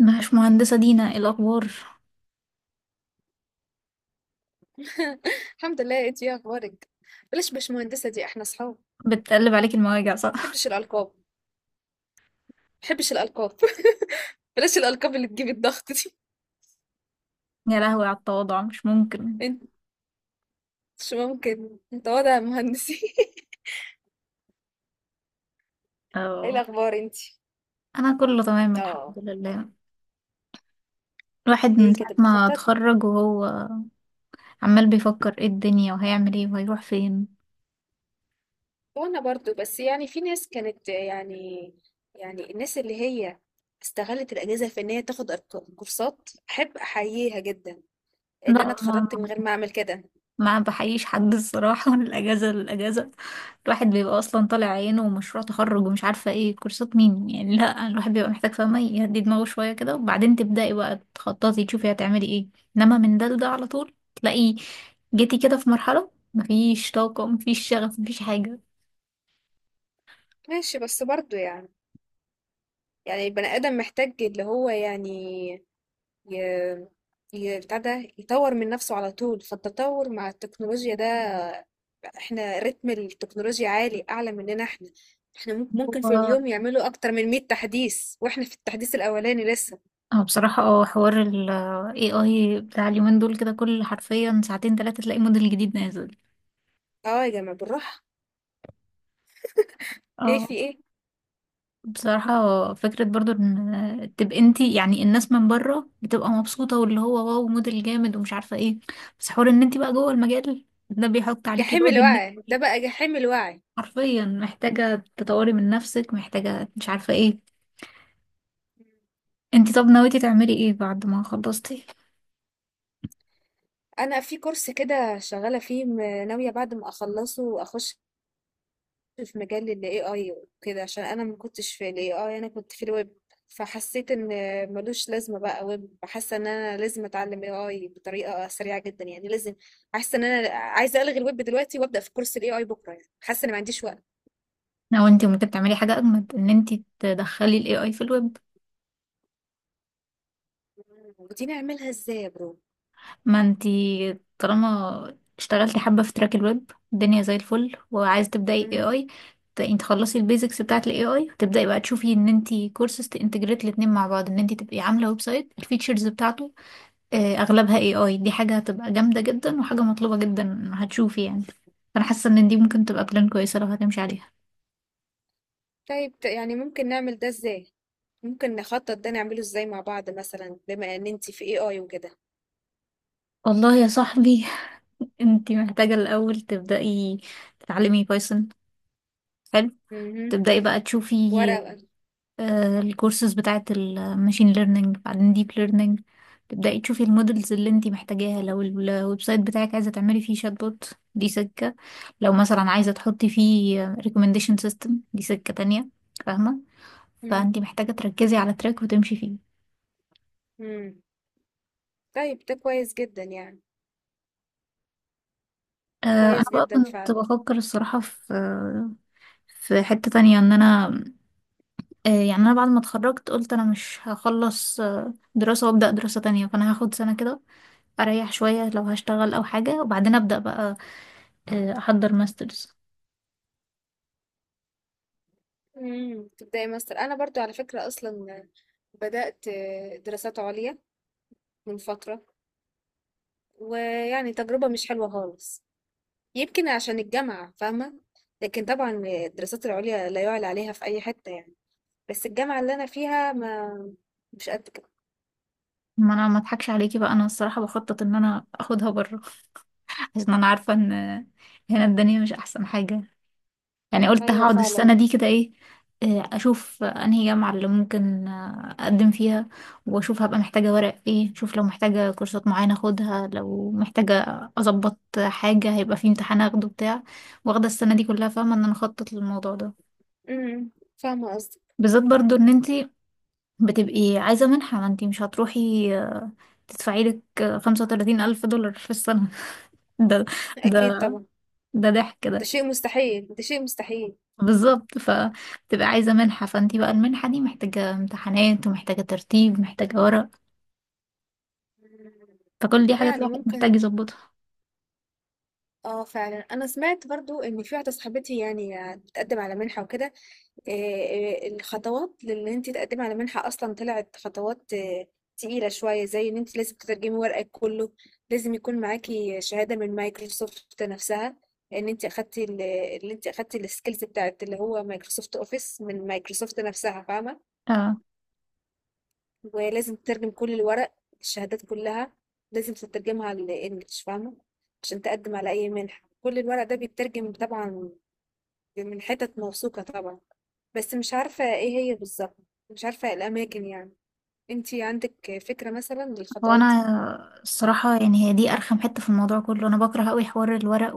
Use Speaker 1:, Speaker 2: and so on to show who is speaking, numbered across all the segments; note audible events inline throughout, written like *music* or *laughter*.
Speaker 1: مش مهندسة دينا، إيه الأخبار؟
Speaker 2: *laughs* الحمد لله، انت يا اخبارك. بلاش باشمهندسه دي، احنا اصحاب.
Speaker 1: بتقلب عليك المواجع، صح؟
Speaker 2: محبش الالقاب محبش الالقاب *laughs* بلاش الالقاب اللي تجيب الضغط دي.
Speaker 1: *laughs* يا لهوي على التواضع، مش ممكن.
Speaker 2: انت، مش ممكن انت وضع مهندسي *laughs* ايه
Speaker 1: اه.
Speaker 2: الاخبار انت؟
Speaker 1: أنا كله تمام الحمد
Speaker 2: اه.
Speaker 1: لله. الواحد من
Speaker 2: ايه
Speaker 1: ساعة
Speaker 2: كده
Speaker 1: ما
Speaker 2: بتخطط؟
Speaker 1: اتخرج وهو عمال بيفكر ايه الدنيا وهيعمل ايه وهيروح فين.
Speaker 2: وانا برضو، بس يعني في ناس كانت يعني الناس اللي هي استغلت الاجازه في ان هي تاخد كورسات، احب احييها جدا ان
Speaker 1: لا،
Speaker 2: انا اتخرجت من غير ما اعمل كده.
Speaker 1: ما بحييش حد الصراحة. *laughs* من الأجازة للأجازة الواحد بيبقى أصلا طالع عينه ومشروع تخرج ومش عارفة ايه كورسات مين، يعني لا الواحد بيبقى محتاج، فاهمة، يهدي دماغه شوية كده وبعدين تبدأي بقى تخططي تشوفي هتعملي ايه. انما من ده لده على طول تلاقي جيتي كده في مرحلة مفيش طاقة مفيش شغف مفيش حاجة.
Speaker 2: ماشي، بس برضو يعني، يعني البني ادم محتاج اللي هو، يعني ي- بتاع ده يطور من نفسه على طول، فالتطور مع التكنولوجيا ده، احنا رتم التكنولوجيا عالي اعلى مننا. احنا ممكن في
Speaker 1: هو
Speaker 2: اليوم يعملوا اكتر من 100 تحديث واحنا في التحديث الاولاني لسه.
Speaker 1: أنا بصراحة حوار ال AI بتاع اليومين دول كده، كل حرفيا ساعتين تلاتة تلاقي موديل جديد نازل.
Speaker 2: اه يا جماعة بالراحة. ايه
Speaker 1: اه،
Speaker 2: في ايه؟
Speaker 1: بصراحة فكرة برضو ان تبقى انتي، يعني الناس من بره بتبقى مبسوطة واللي هو واو موديل جامد ومش عارفة ايه. بس حوار ان انتي بقى جوه المجال ده بيحط عليكي
Speaker 2: جحيم
Speaker 1: لود ان
Speaker 2: الوعي ده،
Speaker 1: انتي
Speaker 2: بقى جحيم الوعي.
Speaker 1: حرفيا محتاجة تطوري من نفسك، محتاجة مش عارفة ايه. انتي طب ناويتي تعملي ايه بعد ما خلصتي؟
Speaker 2: انا في كورس كده شغالة فيه، ناوية بعد ما اخلصه اخش في مجال ال AI وكده، عشان أنا ما كنتش في ال AI، أنا كنت في الويب. فحسيت إن ملوش لازمة بقى ويب. حاسة إن أنا لازم أتعلم AI بطريقة سريعة جدا، يعني لازم. حاسة إن أنا عايزة ألغي الويب دلوقتي وأبدأ في كورس ال AI بكرة، يعني حاسة إن ما عنديش وقت.
Speaker 1: او انتي ممكن تعملي حاجة اجمد، ان انتي تدخلي الاي اي في الويب.
Speaker 2: ودي نعملها إزاي يا برو؟
Speaker 1: ما انتي طالما اشتغلتي حبة في تراك الويب الدنيا زي الفل وعايزة تبدأي
Speaker 2: مم.
Speaker 1: AI، انت تخلصي البيزكس بتاعة ال AI وتبدأي بقى تشوفي ان انتي كورسز تنتجريت الاتنين مع بعض، ان انتي تبقي عاملة ويب سايت الفيتشرز بتاعته اغلبها AI، دي حاجة هتبقى جامدة جدا وحاجة مطلوبة جدا هتشوفي يعني. انا حاسة ان دي ممكن تبقى بلان كويسة لو هتمشي عليها.
Speaker 2: طيب، يعني ممكن نعمل ده إزاي؟ ممكن نخطط ده نعمله إزاي مع بعض مثلا، بما إن أنتي في AI وكده.
Speaker 1: والله يا صاحبي، *laughs* انتي محتاجة الاول تبدأي تتعلمي بايثون، حلو.
Speaker 2: مهم.
Speaker 1: تبدأي بقى تشوفي
Speaker 2: ورقة.
Speaker 1: الكورسز بتاعة الماشين ليرنينج بعدين ديب ليرنينج. تبدأي تشوفي المودلز اللي انتي محتاجاها، لو الويب سايت بتاعك عايزة تعملي فيه شات بوت دي سكة، لو مثلا عايزة تحطي فيه ريكومنديشن سيستم دي سكة تانية، فاهمة.
Speaker 2: مم.
Speaker 1: فانتي محتاجة تركزي على تراك وتمشي فيه.
Speaker 2: مم. طيب، ده كويس جدا يعني،
Speaker 1: آه، انا
Speaker 2: كويس
Speaker 1: بقى
Speaker 2: جدا
Speaker 1: كنت
Speaker 2: فعلا.
Speaker 1: بفكر الصراحة في في حتة تانية ان انا، يعني انا بعد ما اتخرجت قلت انا مش هخلص دراسة وابدأ دراسة تانية، فانا هاخد سنة كده اريح شويه لو هشتغل او حاجه وبعدين ابدا بقى احضر ماسترز.
Speaker 2: امم، تبدأي ماستر. انا برضو على فكرة اصلا بدأت دراسات عليا من فترة، ويعني تجربة مش حلوة خالص. يمكن عشان الجامعة، فاهمة. لكن طبعا الدراسات العليا لا يعلى عليها في اي حتة يعني، بس الجامعة اللي انا فيها ما، مش قد كده.
Speaker 1: ما انا ما اضحكش عليكي بقى، انا الصراحه بخطط ان انا اخدها بره *laughs* عشان انا عارفه ان هنا الدنيا مش احسن حاجه. يعني قلت
Speaker 2: ايوه
Speaker 1: هقعد السنه
Speaker 2: فعلا.
Speaker 1: دي كده، ايه، اشوف انهي جامعه اللي ممكن اقدم فيها واشوف هبقى محتاجه ورق ايه، اشوف لو محتاجه كورسات معينه اخدها، لو محتاجه اظبط حاجه، هيبقى في امتحان اخده بتاع، واخده السنه دي كلها، فاهمه ان انا اخطط للموضوع ده.
Speaker 2: امم، فاهمة قصدي.
Speaker 1: بالذات برضو ان انتي بتبقي عايزة منحة، ما انتي مش هتروحي تدفعي لك 35,000 دولار في السنة. *laughs* ده،
Speaker 2: اكيد
Speaker 1: ده
Speaker 2: طبعا.
Speaker 1: ده ضحك
Speaker 2: ده
Speaker 1: ده.
Speaker 2: شيء مستحيل، ده شيء مستحيل.
Speaker 1: بالظبط، فبتبقى عايزة منحة فانتي بقى المنحة دي محتاجة امتحانات ومحتاجة ترتيب، محتاجة ورق.
Speaker 2: مم.
Speaker 1: فكل دي حاجات
Speaker 2: يعني
Speaker 1: الواحد محتاج
Speaker 2: ممكن.
Speaker 1: يظبطها.
Speaker 2: اه فعلا، انا سمعت برضو ان في واحدة صاحبتي يعني بتقدم على منحة وكده. الخطوات لان انت تقدمي على منحه اصلا طلعت خطوات تقيله شويه. زي ان انت لازم تترجمي ورقك كله، لازم يكون معاكي شهاده من مايكروسوفت نفسها ان انت اللي انت اخدتي السكيلز بتاعت اللي هو مايكروسوفت اوفيس من مايكروسوفت نفسها، فاهمه.
Speaker 1: اه،
Speaker 2: ولازم تترجم كل الورق، الشهادات كلها لازم تترجمها على الانجليش، فاهمه. عشان تقدم على اي منحه كل الورق ده بيترجم طبعا، من حتت موثوقه طبعا. بس مش عارفة ايه هي بالظبط، مش عارفة إيه الأماكن يعني. انتي عندك فكرة مثلا
Speaker 1: هو
Speaker 2: للخطوات دي؟
Speaker 1: انا الصراحة يعني هي دي ارخم حتة في الموضوع كله، انا بكره قوي حوار الورق.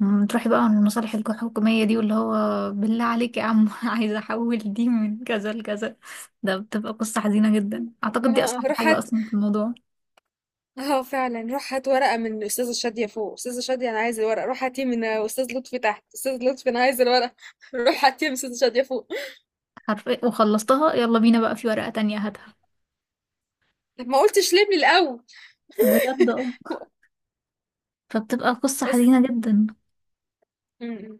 Speaker 1: تروحي بقى عن المصالح الحكومية دي، واللي هو بالله عليك يا عم *laughs* عايزة أحول دي من كذا لكذا، ده بتبقى قصة حزينة جدا.
Speaker 2: *laughs*
Speaker 1: أعتقد دي
Speaker 2: اه،
Speaker 1: أصعب
Speaker 2: روح
Speaker 1: حاجة
Speaker 2: هات.
Speaker 1: أصلا في الموضوع.
Speaker 2: اه فعلا، روح هات ورقة من أستاذة شادية فوق، أستاذة شادية أنا عايز الورقة، روح هاتيه من أستاذ لطفي تحت، أستاذ لطفي أنا عايز الورقة *laughs* روح هاتيه من أستاذة شادية فوق.
Speaker 1: حرفيا وخلصتها يلا بينا بقى، في ورقة تانية هاتها.
Speaker 2: طب ما قلتش ليه من الأول؟
Speaker 1: بجد اه.
Speaker 2: *laughs*
Speaker 1: فبتبقى قصة
Speaker 2: بس،
Speaker 1: حزينة جدا.
Speaker 2: إمم.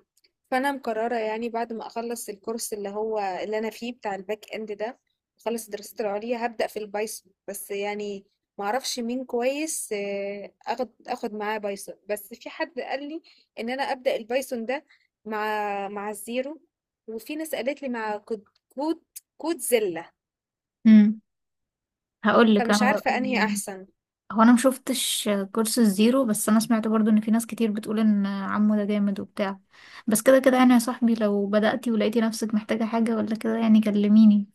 Speaker 2: فأنا مقررة يعني بعد ما أخلّص الcourse اللي هو اللي أنا فيه بتاع الback end ده، وأخلّص دراستي العُليا، هابدأ في الPython، بس يعني ما أعرفش مين كويس آخد معاه Python. بس في حد قال لي إن أنا أبدأ الPython ده مع الZero، وفي ناس قالت لي مع كود، كود كودزيلا،
Speaker 1: امم. هقول لك
Speaker 2: فمش
Speaker 1: أنا بقى.
Speaker 2: عارفة أنهي أحسن.
Speaker 1: هو أنا مشوفتش كورس الزيرو، بس أنا سمعت برضو إن في ناس كتير بتقول إن عمو ده جامد وبتاع. بس كده كده يعني يا صاحبي، لو بدأتي ولقيتي نفسك محتاجة حاجة ولا كده يعني كلميني،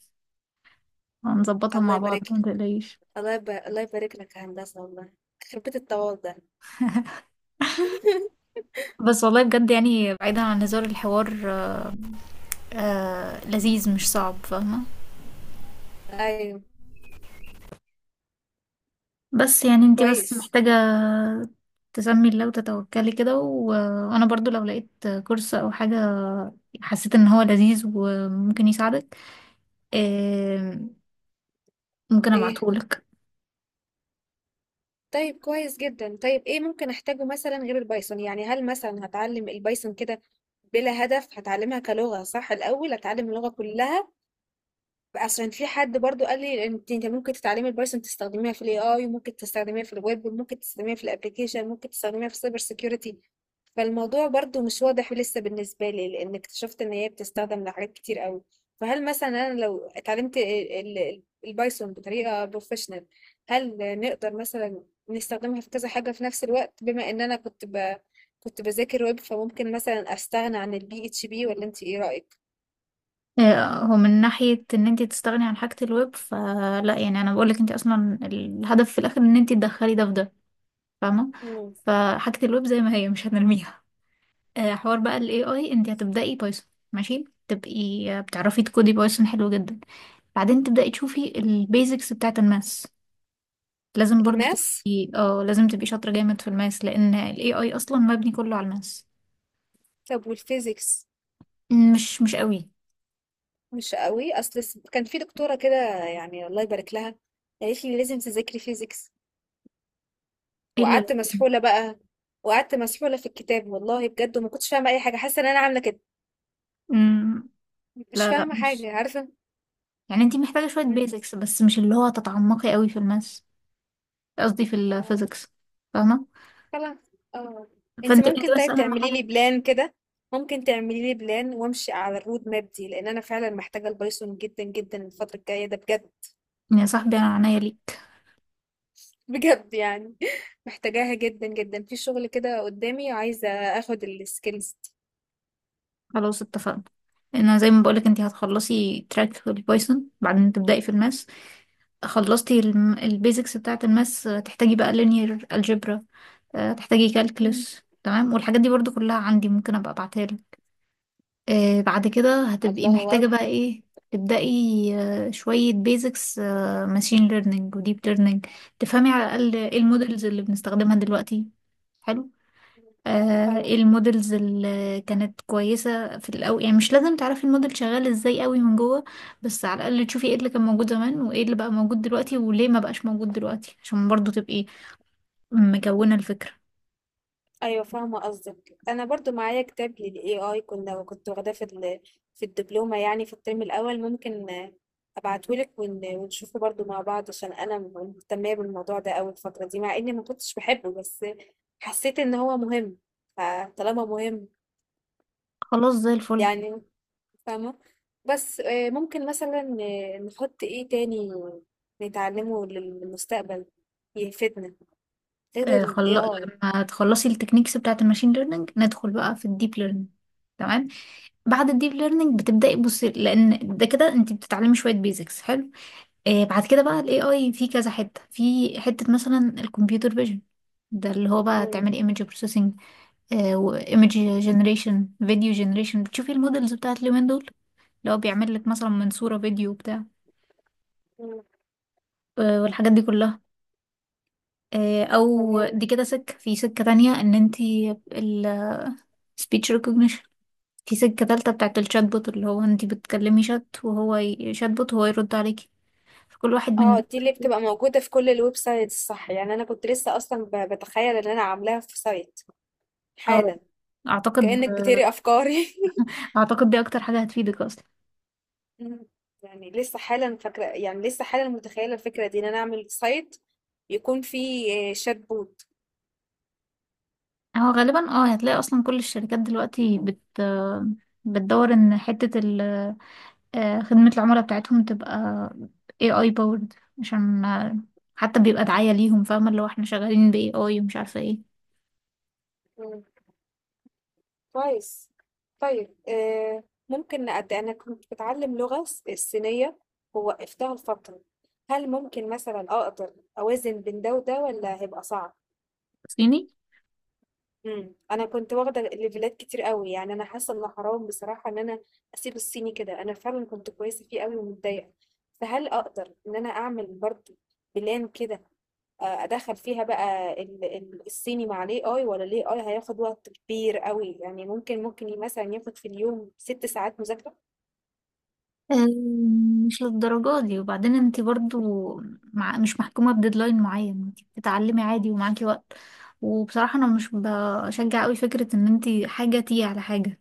Speaker 1: هنظبطها
Speaker 2: الله
Speaker 1: مع بعض،
Speaker 2: يبارك
Speaker 1: ما
Speaker 2: لك،
Speaker 1: تقلقيش.
Speaker 2: الله يبارك لك يا هندسة والله، يخرب بيت التواضع. *laughs*
Speaker 1: بس والله بجد يعني بعيدا عن هزار الحوار، آه لذيذ مش صعب فاهمة.
Speaker 2: أيوه،
Speaker 1: بس يعني انتي بس
Speaker 2: كويس.
Speaker 1: محتاجة تسمي الله وتتوكلي كده وانا برضو لو لقيت كورس او حاجة، حسيت ان هو لذيذ وممكن يساعدك، آه، ممكن
Speaker 2: إيه؟
Speaker 1: ابعتهولك.
Speaker 2: طيب كويس جدًا. طيب إيه ممكن أحتاجه مثلًا غير البايثون؟ يعني هل مثلًا هاتعلم البايثون كده بلا هدف، هاتعلمها كلغة صح الأول، هاتعلم اللغة كلها؟ اصلا في حد برضو قال لي، انت ممكن تتعلمي البايثون تستخدميها في الاي اي، وممكن تستخدميها في الويب، وممكن تستخدميها في الابلكيشن، ممكن تستخدميها في السايبر سيكيورتي. فالموضوع برضو مش واضح لسه بالنسبه لي، لان اكتشفت ان هي بتستخدم لحاجات كتير قوي. فهل مثلا انا لو اتعلمت البايثون بطريقه بروفيشنال، هل نقدر مثلا نستخدمها في كذا حاجه في نفس الوقت؟ بما ان انا كنت بذاكر ويب، فممكن مثلا استغنى عن البي اتش بي، ولا انت ايه رايك؟
Speaker 1: هو من ناحية ان انتي تستغني عن حاجة الويب فلا، يعني انا بقولك انتي اصلا الهدف في الاخر ان انتي تدخلي ده في ده، فاهمة.
Speaker 2: مم.
Speaker 1: فحاجة الويب زي ما هي مش هنرميها. حوار بقى ال AI، انت هتبدأي بايثون ماشي، تبقي بتعرفي تكودي بايثون حلو جدا. بعدين تبدأي تشوفي البيزكس بتاعة الماس. لازم برضو
Speaker 2: الماس.
Speaker 1: تبقي، اه، لازم تبقي شاطرة جامد في الماس لأن ال AI أصلا مبني كله على الماس.
Speaker 2: طب والفيزيكس؟
Speaker 1: مش قوي.
Speaker 2: مش قوي. اصل كان في دكتوره كده، يعني الله يبارك لها، قالت لي لازم تذاكري فيزيكس،
Speaker 1: إلا لا.
Speaker 2: وقعدت مسحوله بقى، وقعدت مسحوله في الكتاب والله بجد، وما كنتش فاهمه اي حاجه، حاسه ان انا عامله كده،
Speaker 1: مم،
Speaker 2: مش
Speaker 1: لا لا
Speaker 2: فاهمه
Speaker 1: مش،
Speaker 2: حاجه، عارفه.
Speaker 1: يعني انت محتاجة شوية
Speaker 2: مم.
Speaker 1: بيزكس بس مش اللي هو تتعمقي قوي في الماس، قصدي في
Speaker 2: آه،
Speaker 1: الفيزكس، فاهمة.
Speaker 2: خلاص، اه. انت
Speaker 1: فانت
Speaker 2: ممكن
Speaker 1: بس
Speaker 2: طيب
Speaker 1: أهم
Speaker 2: تعملي لي
Speaker 1: حاجة.
Speaker 2: بلان كده؟ ممكن تعملي لي بلان وامشي على الرود ماب دي، لان انا فعلا محتاجه البايثون جدا جدا الفتره الجايه ده بجد.
Speaker 1: يا صاحبي أنا عناية ليك.
Speaker 2: بجد يعني *laughs* محتاجاها جدا جدا في شغل كده قدامي، عايزه اخد السكيلز
Speaker 1: خلاص اتفقنا. انا زي ما بقولك انتي هتخلصي تراك في البايثون بعدين تبدأي في الماس. خلصتي البيزكس بتاعة الماس، تحتاجي بقى linear algebra، تحتاجي
Speaker 2: دي.
Speaker 1: calculus، تمام، والحاجات دي برضو كلها عندي ممكن ابقى ابعتها لك. بعد كده هتبقي
Speaker 2: الله
Speaker 1: محتاجة
Speaker 2: أكبر.
Speaker 1: بقى ايه، تبدأي شوية بيزكس ماشين ليرنينج وديب ليرنينج، تفهمي على الأقل ايه المودلز اللي بنستخدمها دلوقتي، حلو،
Speaker 2: أيوة.
Speaker 1: ايه المودلز اللي كانت كويسة في الأول، يعني مش لازم تعرفي الموديل شغال ازاي قوي من جوه، بس على الأقل تشوفي ايه اللي كان موجود زمان وايه اللي بقى موجود دلوقتي وليه ما بقاش موجود دلوقتي، عشان برضو تبقي مكونة الفكرة.
Speaker 2: أيوة فاهمة قصدك. أنا برضو معايا كتاب لل AI، كنا واخداه في الدبلومة يعني، في الترم الأول. ممكن أبعتهولك ونشوفه برضو مع بعض، عشان أنا مهتمة بالموضوع ده أوي الفترة دي، مع إني ما كنتش بحبه، بس حسيت إن هو مهم، فطالما مهم
Speaker 1: خلاص زي الفل.
Speaker 2: يعني، فاهمة. بس ممكن مثلا نحط إيه تاني نتعلمه للمستقبل يفيدنا غير
Speaker 1: آه
Speaker 2: ال
Speaker 1: خل...
Speaker 2: AI؟
Speaker 1: لما تخلصي التكنيكس بتاعة الماشين ليرنينج ندخل بقى في الديب ليرنينج، تمام. بعد الديب ليرنينج بتبدأي بصي، لأن ده كده انت بتتعلمي شوية بيزكس حلو. بعد كده بقى الاي اي في كذا حته، في حته مثلا الكمبيوتر فيجن، ده اللي هو بقى تعملي ايمج بروسيسنج وايمج جنريشن فيديو جنريشن، بتشوفي المودلز بتاعت اليومين دول اللي هو بيعمل لك مثلا من صوره فيديو بتاع،
Speaker 2: مم.
Speaker 1: والحاجات دي كلها. او
Speaker 2: تمام.
Speaker 1: دي كده سكه في سكه تانية، ان انت السبيتش ريكوجنيشن، في سكه تالتة بتاعت الشات بوت اللي هو انت بتكلمي شات وهو شات بوت هو يرد عليكي. فكل واحد من
Speaker 2: اه
Speaker 1: دول،
Speaker 2: دي اللي بتبقى موجودة في كل الويب سايتس، صح؟ يعني انا كنت لسه اصلا بتخيل ان انا عاملاها في سايت
Speaker 1: اه،
Speaker 2: حالا.
Speaker 1: اعتقد
Speaker 2: كأنك بتقري افكاري
Speaker 1: اعتقد دي اكتر حاجه هتفيدك اصلا.
Speaker 2: *laughs* مم. يعني لسه حالا فاكرة، يعني لسه حالا متخيلة الفكرة دي، ان انا اعمل سايت يكون فيه شات بوت.
Speaker 1: هو غالبا اه هتلاقي اصلا كل الشركات دلوقتي بتدور ان حتة ال خدمة العملاء بتاعتهم تبقى AI powered، عشان حتى بيبقى دعاية ليهم، فاهمة اللي هو احنا شغالين ب AI ومش عارفة ايه.
Speaker 2: مم. كويس. طيب ممكن انا كنت بتعلم لغة الصينية، ووقفتها لفترة. هل ممكن مثلا اقدر اوازن بين ده وده، ولا هيبقى صعب؟
Speaker 1: صيني.
Speaker 2: إمم. أنا كنت واخدة ليفيلات كتير أوي، يعني أنا حاسة إن حرام بصراحة إن أنا أسيب الصيني كده، أنا فعلًا كنت كويسة فيه أوي ومتضايقة، فهل أقدر إن أنا أعمل برضه بلان كده، أدخّل فيها بقى ال الصيني مع الAI، والّا الAI هياخد وقت كبير أوي؟ يعني ممكن مثلًا ياخد في اليوم 6 ساعات مذاكرة؟
Speaker 1: مش للدرجة دي، وبعدين انت برضو، مع مش محكومة بديدلاين معين، انت بتتعلمي عادي ومعاكي وقت. وبصراحة انا مش بشجع قوي فكرة ان انت حاجة تيجي على حاجة،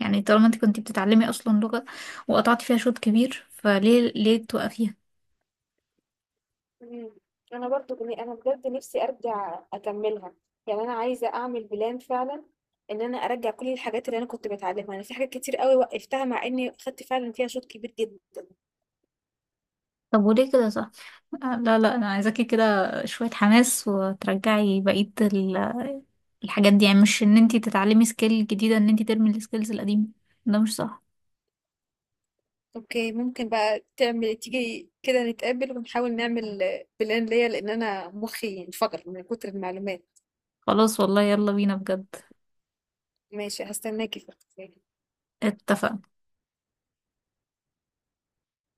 Speaker 1: يعني طالما انت كنت بتتعلمي اصلا لغة وقطعتي فيها شوط كبير فليه ليه توقفيها.
Speaker 2: إمم. أنا برضه أنا بجد نِفْسي أرجع أكمّلها، يعني أنا عايزة أعمل plan فعلًا إن أنا أرجّع كل الحاجات اللي أنا كنت باتعلّمها، أنا في حاجات كتير أوي وقّفتها مع إني خدت فعلًا فيها شوط كبير جدًا.
Speaker 1: طب وليه كده، صح، لا لا انا عايزاكي كده شوية حماس وترجعي بقية الحاجات دي، يعني مش ان انت تتعلمي سكيل جديدة ان انت ترمي السكيلز القديمة، ده مش صح.
Speaker 2: أوكي، ممكن بقى تعمل تيجي كده نتقابل ونحاول نعمل plan ليّا، لإن أنا مُخّي انفجر من كتر المعلومات.
Speaker 1: خلاص والله يلا بينا بجد.
Speaker 2: ماشي، هاستناكِ في
Speaker 1: اتفق.